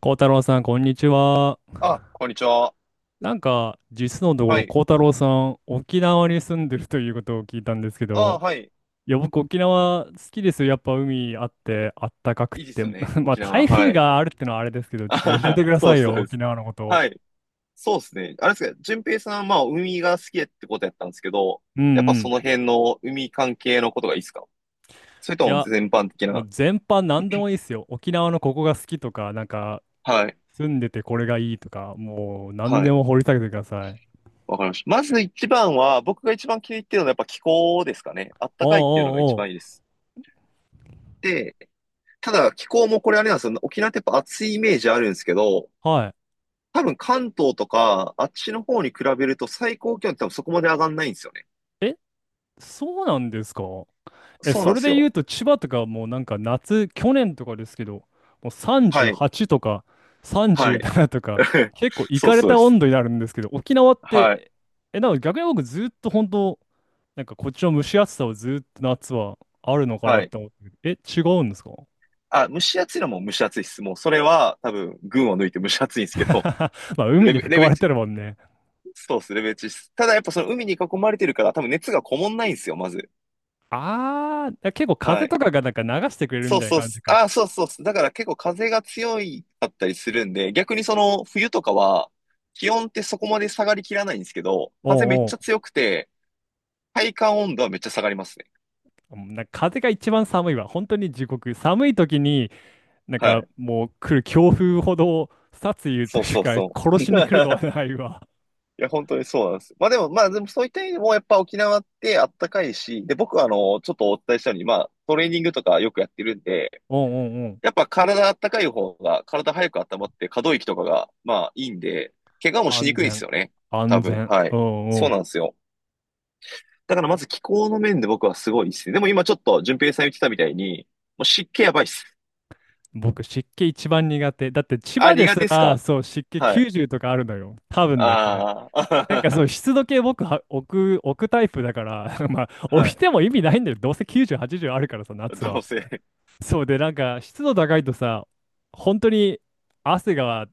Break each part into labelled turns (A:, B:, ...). A: 孝太郎さん、こんにちは。
B: あ、こんにちは。
A: なんか、実のとこ
B: は
A: ろ、
B: い。
A: 孝太郎さん、沖縄に住んでるということを聞いたんですけ
B: あ、
A: ど、
B: はい。
A: いや、僕、沖縄好きですよ。やっぱ海あって、あったかくっ
B: いいで
A: て。
B: すよね。
A: まあ、
B: 沖縄。
A: 台
B: は
A: 風
B: い。
A: があるってのはあれですけど、ちょっと教え
B: あ、
A: てくだ
B: そ
A: さ
B: うで
A: い
B: す、そう
A: よ、
B: で
A: 沖
B: す。
A: 縄のこと。
B: はい。そうですね。あれですか、淳平さんは、まあ、海が好きってことやったんですけど、
A: うん
B: やっぱ
A: う
B: そ
A: ん。
B: の辺の海関係のことがいいですか、それ
A: い
B: とも
A: や、
B: 全般的
A: も
B: な。
A: う全般何でもいいですよ。沖縄のここが好きとか、なんか、
B: はい。
A: 住んでてこれがいいとか、もう何
B: は
A: で
B: い。
A: も掘り下げてください。
B: わかりました。まず一番は、僕が一番気に入ってるのはやっぱ気候ですかね。あっ
A: お
B: た
A: う
B: かいっていうのが一
A: おう
B: 番
A: お
B: いいです。で、ただ気候もこれあれなんですよ。沖縄ってやっぱ暑いイメージあるんですけど、
A: う。はい。
B: 多分関東とか、あっちの方に比べると最高気温って多分そこまで上がんないんですよね。
A: えそうなんですか。え、
B: そうな
A: そ
B: んで
A: れ
B: す
A: で言
B: よ。
A: うと千葉とかもうなんか夏、去年とかですけど、もう
B: はい。
A: 38とか
B: はい。
A: 37とか、結構い
B: そう
A: かれ
B: そう
A: た
B: です。
A: 温度になるんですけど、沖縄っ
B: はい。
A: て、え、だから逆に僕ずっと本当、なんかこっちの蒸し暑さをずっと夏はあるのかな
B: は
A: っ
B: い。
A: て思ってる、え、違うんですか？
B: あ、蒸し暑いのも蒸し暑いです。もうそれは多分群を抜いて蒸し暑いんですけど、
A: まあ海に囲
B: レ
A: ま
B: ベ
A: れ
B: チ、
A: てるもんね。
B: そうです、レベチです。ただやっぱその海に囲まれてるから多分熱がこもんないんですよ、まず。
A: あー、結構
B: は
A: 風
B: い。
A: とかがなんか流してくれるみ
B: そう
A: たいな
B: そうっ
A: 感じ
B: す。
A: か。
B: あ、そうそうっす。だから結構風が強いかったりするんで、逆にその冬とかは、気温ってそこまで下がりきらないんですけど、風めっ
A: おうお
B: ちゃ
A: う。
B: 強くて、体感温度はめっちゃ下がりますね。
A: んなんか風が一番寒いわ。本当に地獄。寒い時になん
B: は
A: か
B: い。
A: もう来る強風ほど殺意と
B: そう
A: いう
B: そう
A: か
B: そ
A: 殺
B: う。い
A: しに来るのはないわ。
B: や、本当にそうなんです。まあでも、まあでもそういった意味でも、やっぱ沖縄ってあったかいし、で、僕はあの、ちょっとお伝えしたように、まあ、トレーニングとかよくやってるんで、
A: うんうんうん。
B: やっぱ体あったかい方が、体早く温まって可動域とかが、まあいいんで、怪我もしに
A: 安
B: くいんで
A: 全。
B: すよね。多
A: 安
B: 分。
A: 全。
B: は
A: う
B: い。
A: ん
B: そ
A: う
B: う
A: ん。
B: なんですよ。だからまず気候の面で僕はすごいですね。でも今ちょっと、順平さん言ってたみたいに、もう湿気やばいっす。
A: 僕湿気一番苦手。だって千
B: あ、
A: 葉で
B: 苦
A: す
B: 手っす
A: ら
B: か。
A: そう湿気
B: はい。
A: 90とかあるのよ。多分ね、これ。
B: あ
A: なんかそ
B: あ、
A: う湿度計僕は置くタイプだから まあ
B: は
A: 置い
B: い。
A: ても意味ないんだよ。どうせ90、80あるからさ、夏
B: どう
A: は。
B: せ。
A: そうでなんか湿度高いとさ、本当に汗が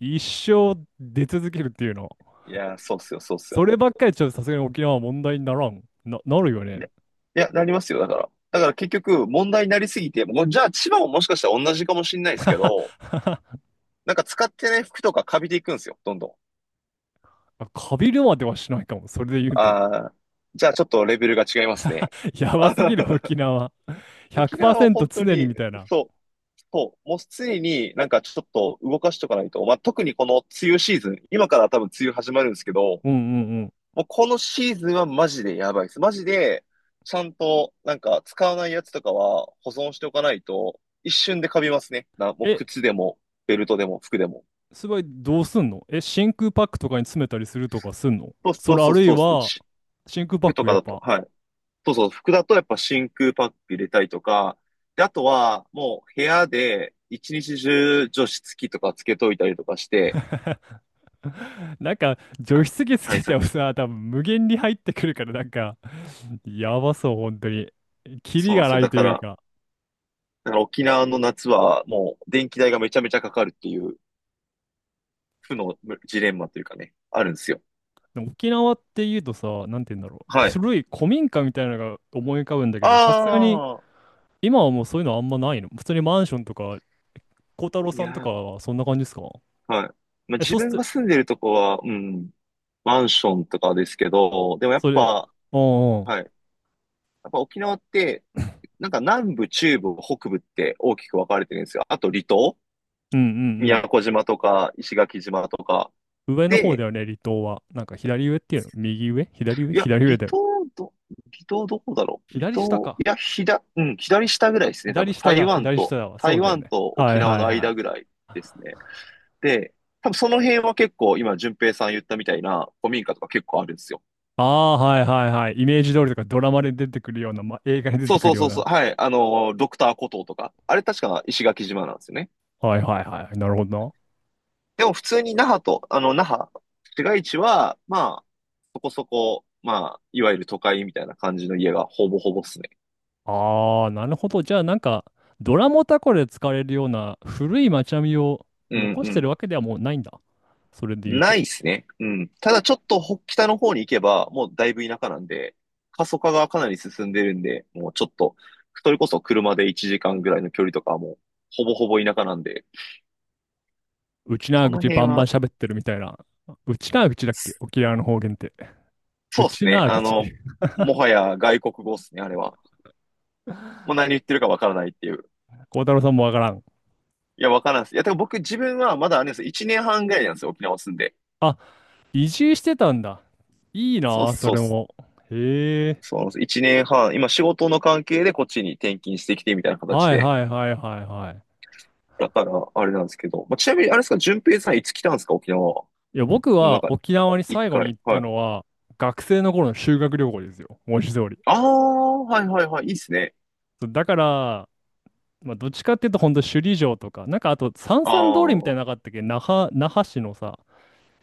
A: 一生出続けるっていうの。
B: いやー、そうっすよ、そうっす
A: そ
B: よ。
A: ればっかりちょっとさすがに沖縄は問題にならん。なるよ
B: い
A: ね。
B: や、いや、なりますよ、だから。だから結局、問題になりすぎて、もうじゃあ千葉ももしかしたら同じかもしれないですけど、なんか使ってない服とかカビていくんですよ、どんどん。
A: カビるまではしないかも。それで言うと。
B: ああ、じゃあちょっとレベルが違いますね。
A: や
B: あ
A: ばす
B: は
A: ぎる
B: は。
A: 沖縄。
B: 沖縄は
A: 100%
B: 本当
A: 常に
B: に、
A: みたいな。
B: そう、そう、もう常になんかちょっと動かしとかないと、まあ、特にこの梅雨シーズン、今から多分梅雨始まるんですけど、
A: うんうんうん。
B: もうこのシーズンはマジでやばいです。マジで、ちゃんと、なんか、使わないやつとかは保存しておかないと、一瞬でカビますね。な、もう
A: え、
B: 靴でも、ベルトでも、服でも。
A: すごいどうすんの？え、真空パックとかに詰めたりするとかすんの？
B: そう
A: そ
B: そう
A: れあ
B: そう
A: るい
B: そうそう。
A: は、真空パッ
B: 服と
A: ク
B: か
A: やっ
B: だと、
A: ぱ。
B: はい。そうそう、服だとやっぱ真空パック入れたりとか、で、あとは、もう部屋で一日中除湿機とかつけといたりとかして、
A: なんか、除
B: た
A: 湿機つ
B: 対
A: けて
B: 策、
A: もさ、多分無限に入ってくるから、なんか、やばそう、本当に。キ
B: そ
A: リ
B: うなん
A: が
B: ですよ。
A: ない
B: だ
A: と
B: か
A: いう
B: ら、
A: か。
B: だから沖縄の夏はもう電気代がめちゃめちゃかかるっていう負のジレンマというかね、あるんですよ。
A: でも沖縄って言うとさ、なんて言うんだろう。
B: はい。
A: 古い古民家みたいなのが思い浮かぶんだけど、さすがに
B: ああ、
A: 今はもうそういうのあんまないの。普通にマンションとか、孝太郎
B: い
A: さんと
B: や
A: か
B: ー、
A: はそんな感じですか？
B: はい。まあ、
A: え、そ
B: 自
A: う
B: 分
A: す、
B: が住んでるとこは、うん、マンションとかですけど、でもやっ
A: それ、
B: ぱ、
A: うんうん、
B: はい。やっぱ沖縄って、なんか南部、中部、北部って大きく分かれてるんですよ。あと離島、
A: うんう
B: 宮
A: ん
B: 古島とか、石垣島とか。
A: うん。上の方だ
B: で、
A: よね、離島は。なんか左上っていうの？右上、左上、
B: いや、
A: 左上
B: 離
A: だよ
B: 島
A: ね。
B: ど、離島どこだろう離
A: 左下
B: 島、い
A: か。
B: や、左、うん、左下ぐらいですね、多
A: 左
B: 分。
A: 下
B: 台
A: だ、
B: 湾
A: 左
B: と、
A: 下だわ。そう
B: 台
A: だよ
B: 湾
A: ね。
B: と
A: は
B: 沖
A: い
B: 縄
A: はい
B: の
A: は
B: 間ぐ
A: い。
B: らいですね。で、多分その辺は結構今、淳平さん言ったみたいな古民家とか結構あるんですよ。
A: ああ、はいはいはい。イメージ通りとかドラマで出てくるような、ま映画に出
B: そ
A: て
B: う
A: く
B: そ
A: る
B: う
A: よ
B: そ
A: う
B: うそ
A: な。
B: う。はい。あの、ドクターコトーとか。あれ確か石垣島なんですよね。
A: はいはいはい。なるほどな。
B: でも普通に那覇と、あの、那覇、市街地は、まあ、そこそこ、まあ、いわゆる都会みたいな感じの家がほぼほぼっすね。
A: ああ、なるほど。じゃあ、なんか、ドラモタコで使われるような古い街並みを
B: うん
A: 残し
B: う
A: てる
B: ん。
A: わけではもうないんだ。それで言う
B: な
A: と、
B: いっすね。うん。ただちょっと北の方に行けば、もうだいぶ田舎なんで、過疎化がかなり進んでるんで、もうちょっと、それこそ車で1時間ぐらいの距離とかはもう、ほぼほぼ田舎なんで、
A: うちな
B: そ
A: ーぐ
B: の
A: ち
B: 辺
A: バンバン
B: は、
A: 喋ってるみたいな。うちなーぐちだっけ沖縄の方言って。
B: そう
A: う
B: っす
A: ち
B: ね。
A: なー
B: あ
A: ぐち。
B: の、もはや外国語っすね、あれは。もう何言ってるかわからないっていう。
A: 孝太郎さんもわからん？
B: いや、わからんっす。いや、てか僕自分はまだあれです。1年半ぐらいなんですよ、沖縄住んで。
A: あ、移住してたんだ。いい
B: そうっ
A: なあ、
B: す
A: そ
B: そうっ
A: れ
B: す。
A: も。へえ。
B: そうなんです。1年半、今仕事の関係でこっちに転勤してきてみたいな形
A: はい
B: で。
A: はいはいはいはい。
B: だから、あれなんですけど。まあ、ちなみに、あれですか、淳平さんいつ来たんですか、沖縄。
A: いや、僕
B: なん
A: は
B: か、
A: 沖縄に
B: 一
A: 最後に
B: 回。
A: 行った
B: はい。
A: のは、学生の頃の修学旅行ですよ。文字通り。
B: ああ、はいはいはい。いいっすね。
A: そうだから、まあ、どっちかっていうと、ほんと首里城とか、なんかあと、三
B: あ
A: 々通りみたい
B: あ、
A: なのなかったっけ那覇、那覇市のさ、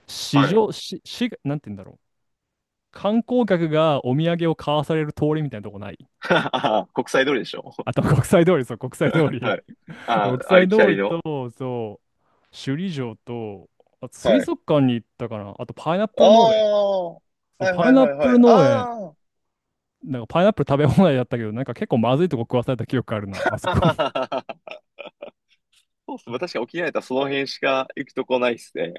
A: 市
B: はい。
A: 場、市、市、なんて言うんだろう。観光客がお土産を買わされる通りみたいなとこない？
B: 国際通りでしょ。
A: あと、国際通り、そう、国際通 り。
B: はい。あ
A: 国
B: あ、あ
A: 際
B: りき
A: 通
B: たり
A: りと、
B: の。
A: そう、首里城と、あ、
B: は
A: 水
B: い。
A: 族館に行ったかな。あと、パイナッ
B: あ
A: プル農園。
B: あ、はい
A: そう、パ
B: は
A: イ
B: い
A: ナッ
B: はい
A: プ
B: は
A: ル
B: い。
A: 農園。
B: あ
A: なんか、パイナップル食べ放題だったけど、なんか結構まずいとこ食わされた記憶あるな、あそこ。
B: あ。そうっす。まあ確かに沖縄やったらその辺しか行くとこないっすね。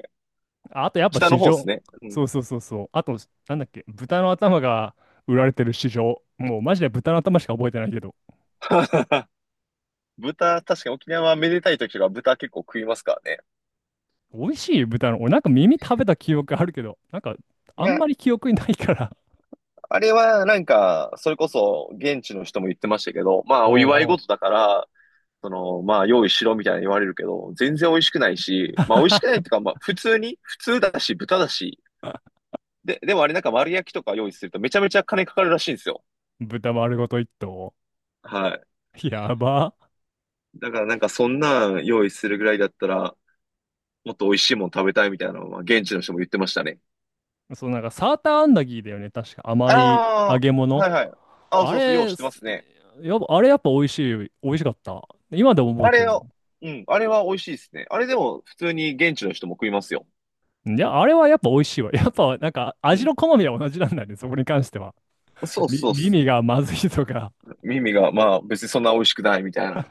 A: ああ、とやっぱ
B: 北の
A: 市
B: 方っ
A: 場。
B: すね。うん。
A: そうそうそうそう。あと、なんだっけ、豚の頭が売られてる市場。もうマジで豚の頭しか覚えてないけど。
B: 豚、確かに沖縄はめでたい時とか豚結構食いますからね。
A: 美味しい豚の、俺なんか耳食べた記憶あるけど、なんか
B: い
A: あん
B: や、
A: まり記憶にないから。
B: あれはなんか、それこそ現地の人も言ってましたけど、ま あお
A: お
B: 祝い
A: うおう。
B: 事だから、その、まあ用意しろみたいに言われるけど、全然美味しくないし、まあ美味しくないってい うか、まあ普通に、普通だし、豚だし、で、でもあれなんか丸焼きとか用意するとめちゃめちゃ金かかるらしいんですよ。
A: 豚丸ごと一頭。
B: はい。
A: やば。
B: だからなんかそんなん用意するぐらいだったら、もっと美味しいもん食べたいみたいなのは現地の人も言ってましたね。
A: そう、なんかサーターアンダギーだよね。確か甘い揚
B: あ
A: げ
B: あ、は
A: 物。
B: いはい。あ、
A: あ
B: そうそう、よう知
A: れ、
B: ってま
A: す
B: すね。
A: やっぱ、あれやっぱ美味しい。美味しかった。今でも覚え
B: あ
A: て
B: れ
A: るも
B: を、
A: ん。
B: うん、あれは美味しいですね。あれでも普通に現地の人も食いますよ。
A: いや、あれはやっぱ美味しいわ。やっぱなんか
B: う
A: 味
B: ん。
A: の好みは同じなんだね、そこに関しては。
B: そうそうっす。
A: 耳がまずいとか。
B: 耳が、まあ別にそんな美味しくないみたいな。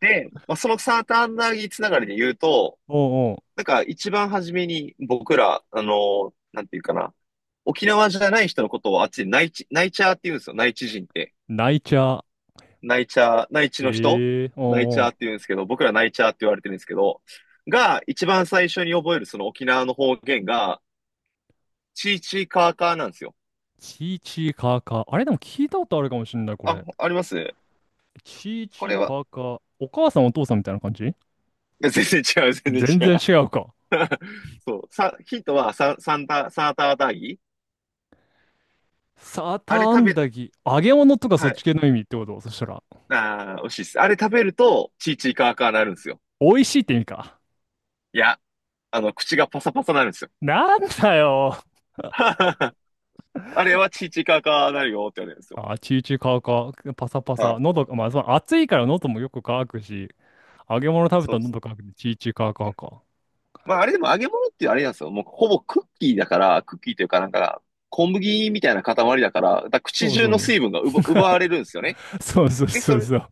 B: で、まあそのサーターアンダギーつながりで言うと、
A: おうお
B: な
A: う。
B: んか一番初めに僕ら、あの、なんていうかな。沖縄じゃない人のことをあっちで内地、内チャーって言うんですよ。内地人って。
A: 泣いちゃう。
B: 内チャー、内地の人
A: ええ
B: 内チ
A: おう
B: ャー
A: お
B: っ
A: う。
B: て言うんですけど、僕ら内チャーって言われてるんですけど、が一番最初に覚えるその沖縄の方言が、チーチーカーカーなんですよ。
A: チーチーカーカー。あれでも聞いたことあるかもしれない、こ
B: あ、
A: れ。
B: あります、
A: チー
B: こ
A: チ
B: れ
A: ー
B: は。
A: カーカー。お母さんお父さんみたいな感じ？
B: いや全然違う、全然
A: 全
B: 違
A: 然
B: う。
A: 違うか。
B: そう。ヒントはサーターアンダギー。
A: サーター
B: あれ
A: ア
B: 食
A: ン
B: べ、
A: ダギー。揚げ物とかそ
B: は
A: っち
B: い。
A: 系の意味ってことそしたら？
B: あー、美味しいです。あれ食べると、チーチーカーカーなるんですよ。
A: 美味しいって意味か。
B: いや、あの、口がパサパサなるんですよ。
A: なんだよ。
B: あれはチーチーカーカーなるよって言われるんですよ。
A: あ、チーチーカーカー。パサパ
B: は
A: サ。
B: い。
A: 喉が、まあ、その暑いから喉もよく乾くし。揚げ物食べ
B: そ
A: た
B: う
A: ら
B: そう。
A: 喉乾くんで、チーチーカーカーか。
B: まあ、あれでも揚げ物ってあれなんですよ。もうほぼクッキーだから、クッキーというかなんか、小麦みたいな塊だから、だから口
A: そう
B: 中
A: そ
B: の
A: う。
B: 水分が奪われるんですよね。
A: そうそう
B: で、
A: そ
B: そ
A: う
B: れ、
A: そう。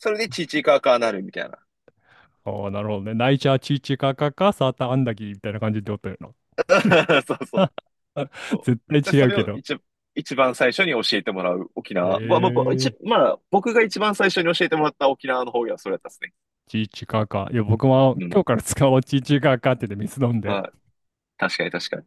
B: それでチーチーカーカーなるみたいな。
A: ああ、なるほどね。ナイチャーチーチーカーカーカー、サーターアンダギーみたいな感じでおったよな。
B: そうそう。そう、
A: 絶対
B: で、
A: 違
B: そ
A: う
B: れ
A: け
B: を
A: ど。
B: 一、一番最初に教えてもらう沖
A: え
B: 縄。
A: ー、
B: まあ、僕が一番最初に教えてもらった沖縄の方言はそれだったですね。
A: チーチーカーカー。いや、僕も
B: うん。
A: 今日から使おう、チーチーカーカーって言って水飲んで。
B: はい。確かに確かに。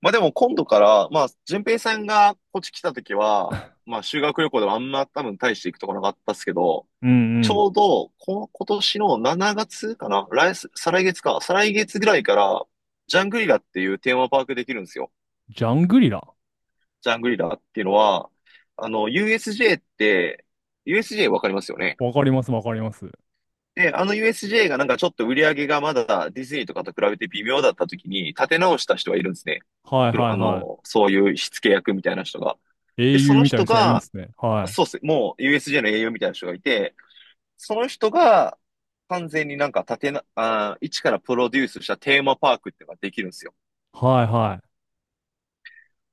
B: まあでも今度から、まあ、淳平さんがこっち来た時は、まあ修学旅行ではあんま多分大して行くとこなかったっすけど、
A: うんう
B: ち
A: ん。
B: ょうど、こ、今年の7月かな再来月か、再来月ぐらいから、ジャングリラっていうテーマパークできるんですよ。
A: ジャングリラ。
B: ジャングリラっていうのは、あの、USJ って、USJ わかりますよね。
A: わかります、わかります。
B: で、あの USJ がなんかちょっと売り上げがまだディズニーとかと比べて微妙だった時に立て直した人がいるんですね。
A: はい
B: プ
A: は
B: ロ
A: い
B: あ
A: は
B: の、そういう火付け役みたいな人が。
A: い。英
B: で、そ
A: 雄
B: の
A: みたいな
B: 人
A: 人がいるんで
B: が、
A: すね。はい。
B: そうっす、もう USJ の栄養みたいな人がいて、その人が完全になんか立てな、あー、一からプロデュースしたテーマパークっていうのができるんですよ。
A: はいは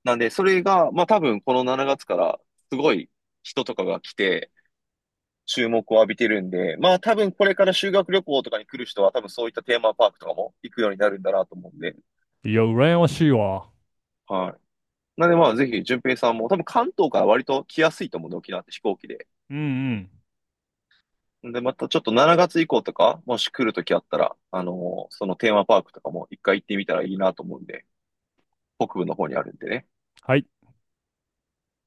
B: なんで、それが、まあ多分この7月からすごい人とかが来て、注目を浴びてるんで、まあ多分これから修学旅行とかに来る人は多分そういったテーマパークとかも行くようになるんだなと思うんで、
A: い。いや、羨ましいわ。
B: はい。なんでまあぜひ、順平さんも多分関東から割と来やすいと思うんで、沖縄って飛行機で。
A: うんうん。
B: で、またちょっと7月以降とか、もし来るときあったら、あのーそのテーマパークとかも一回行ってみたらいいなと思うんで、北部の方にあるんでね。
A: はい。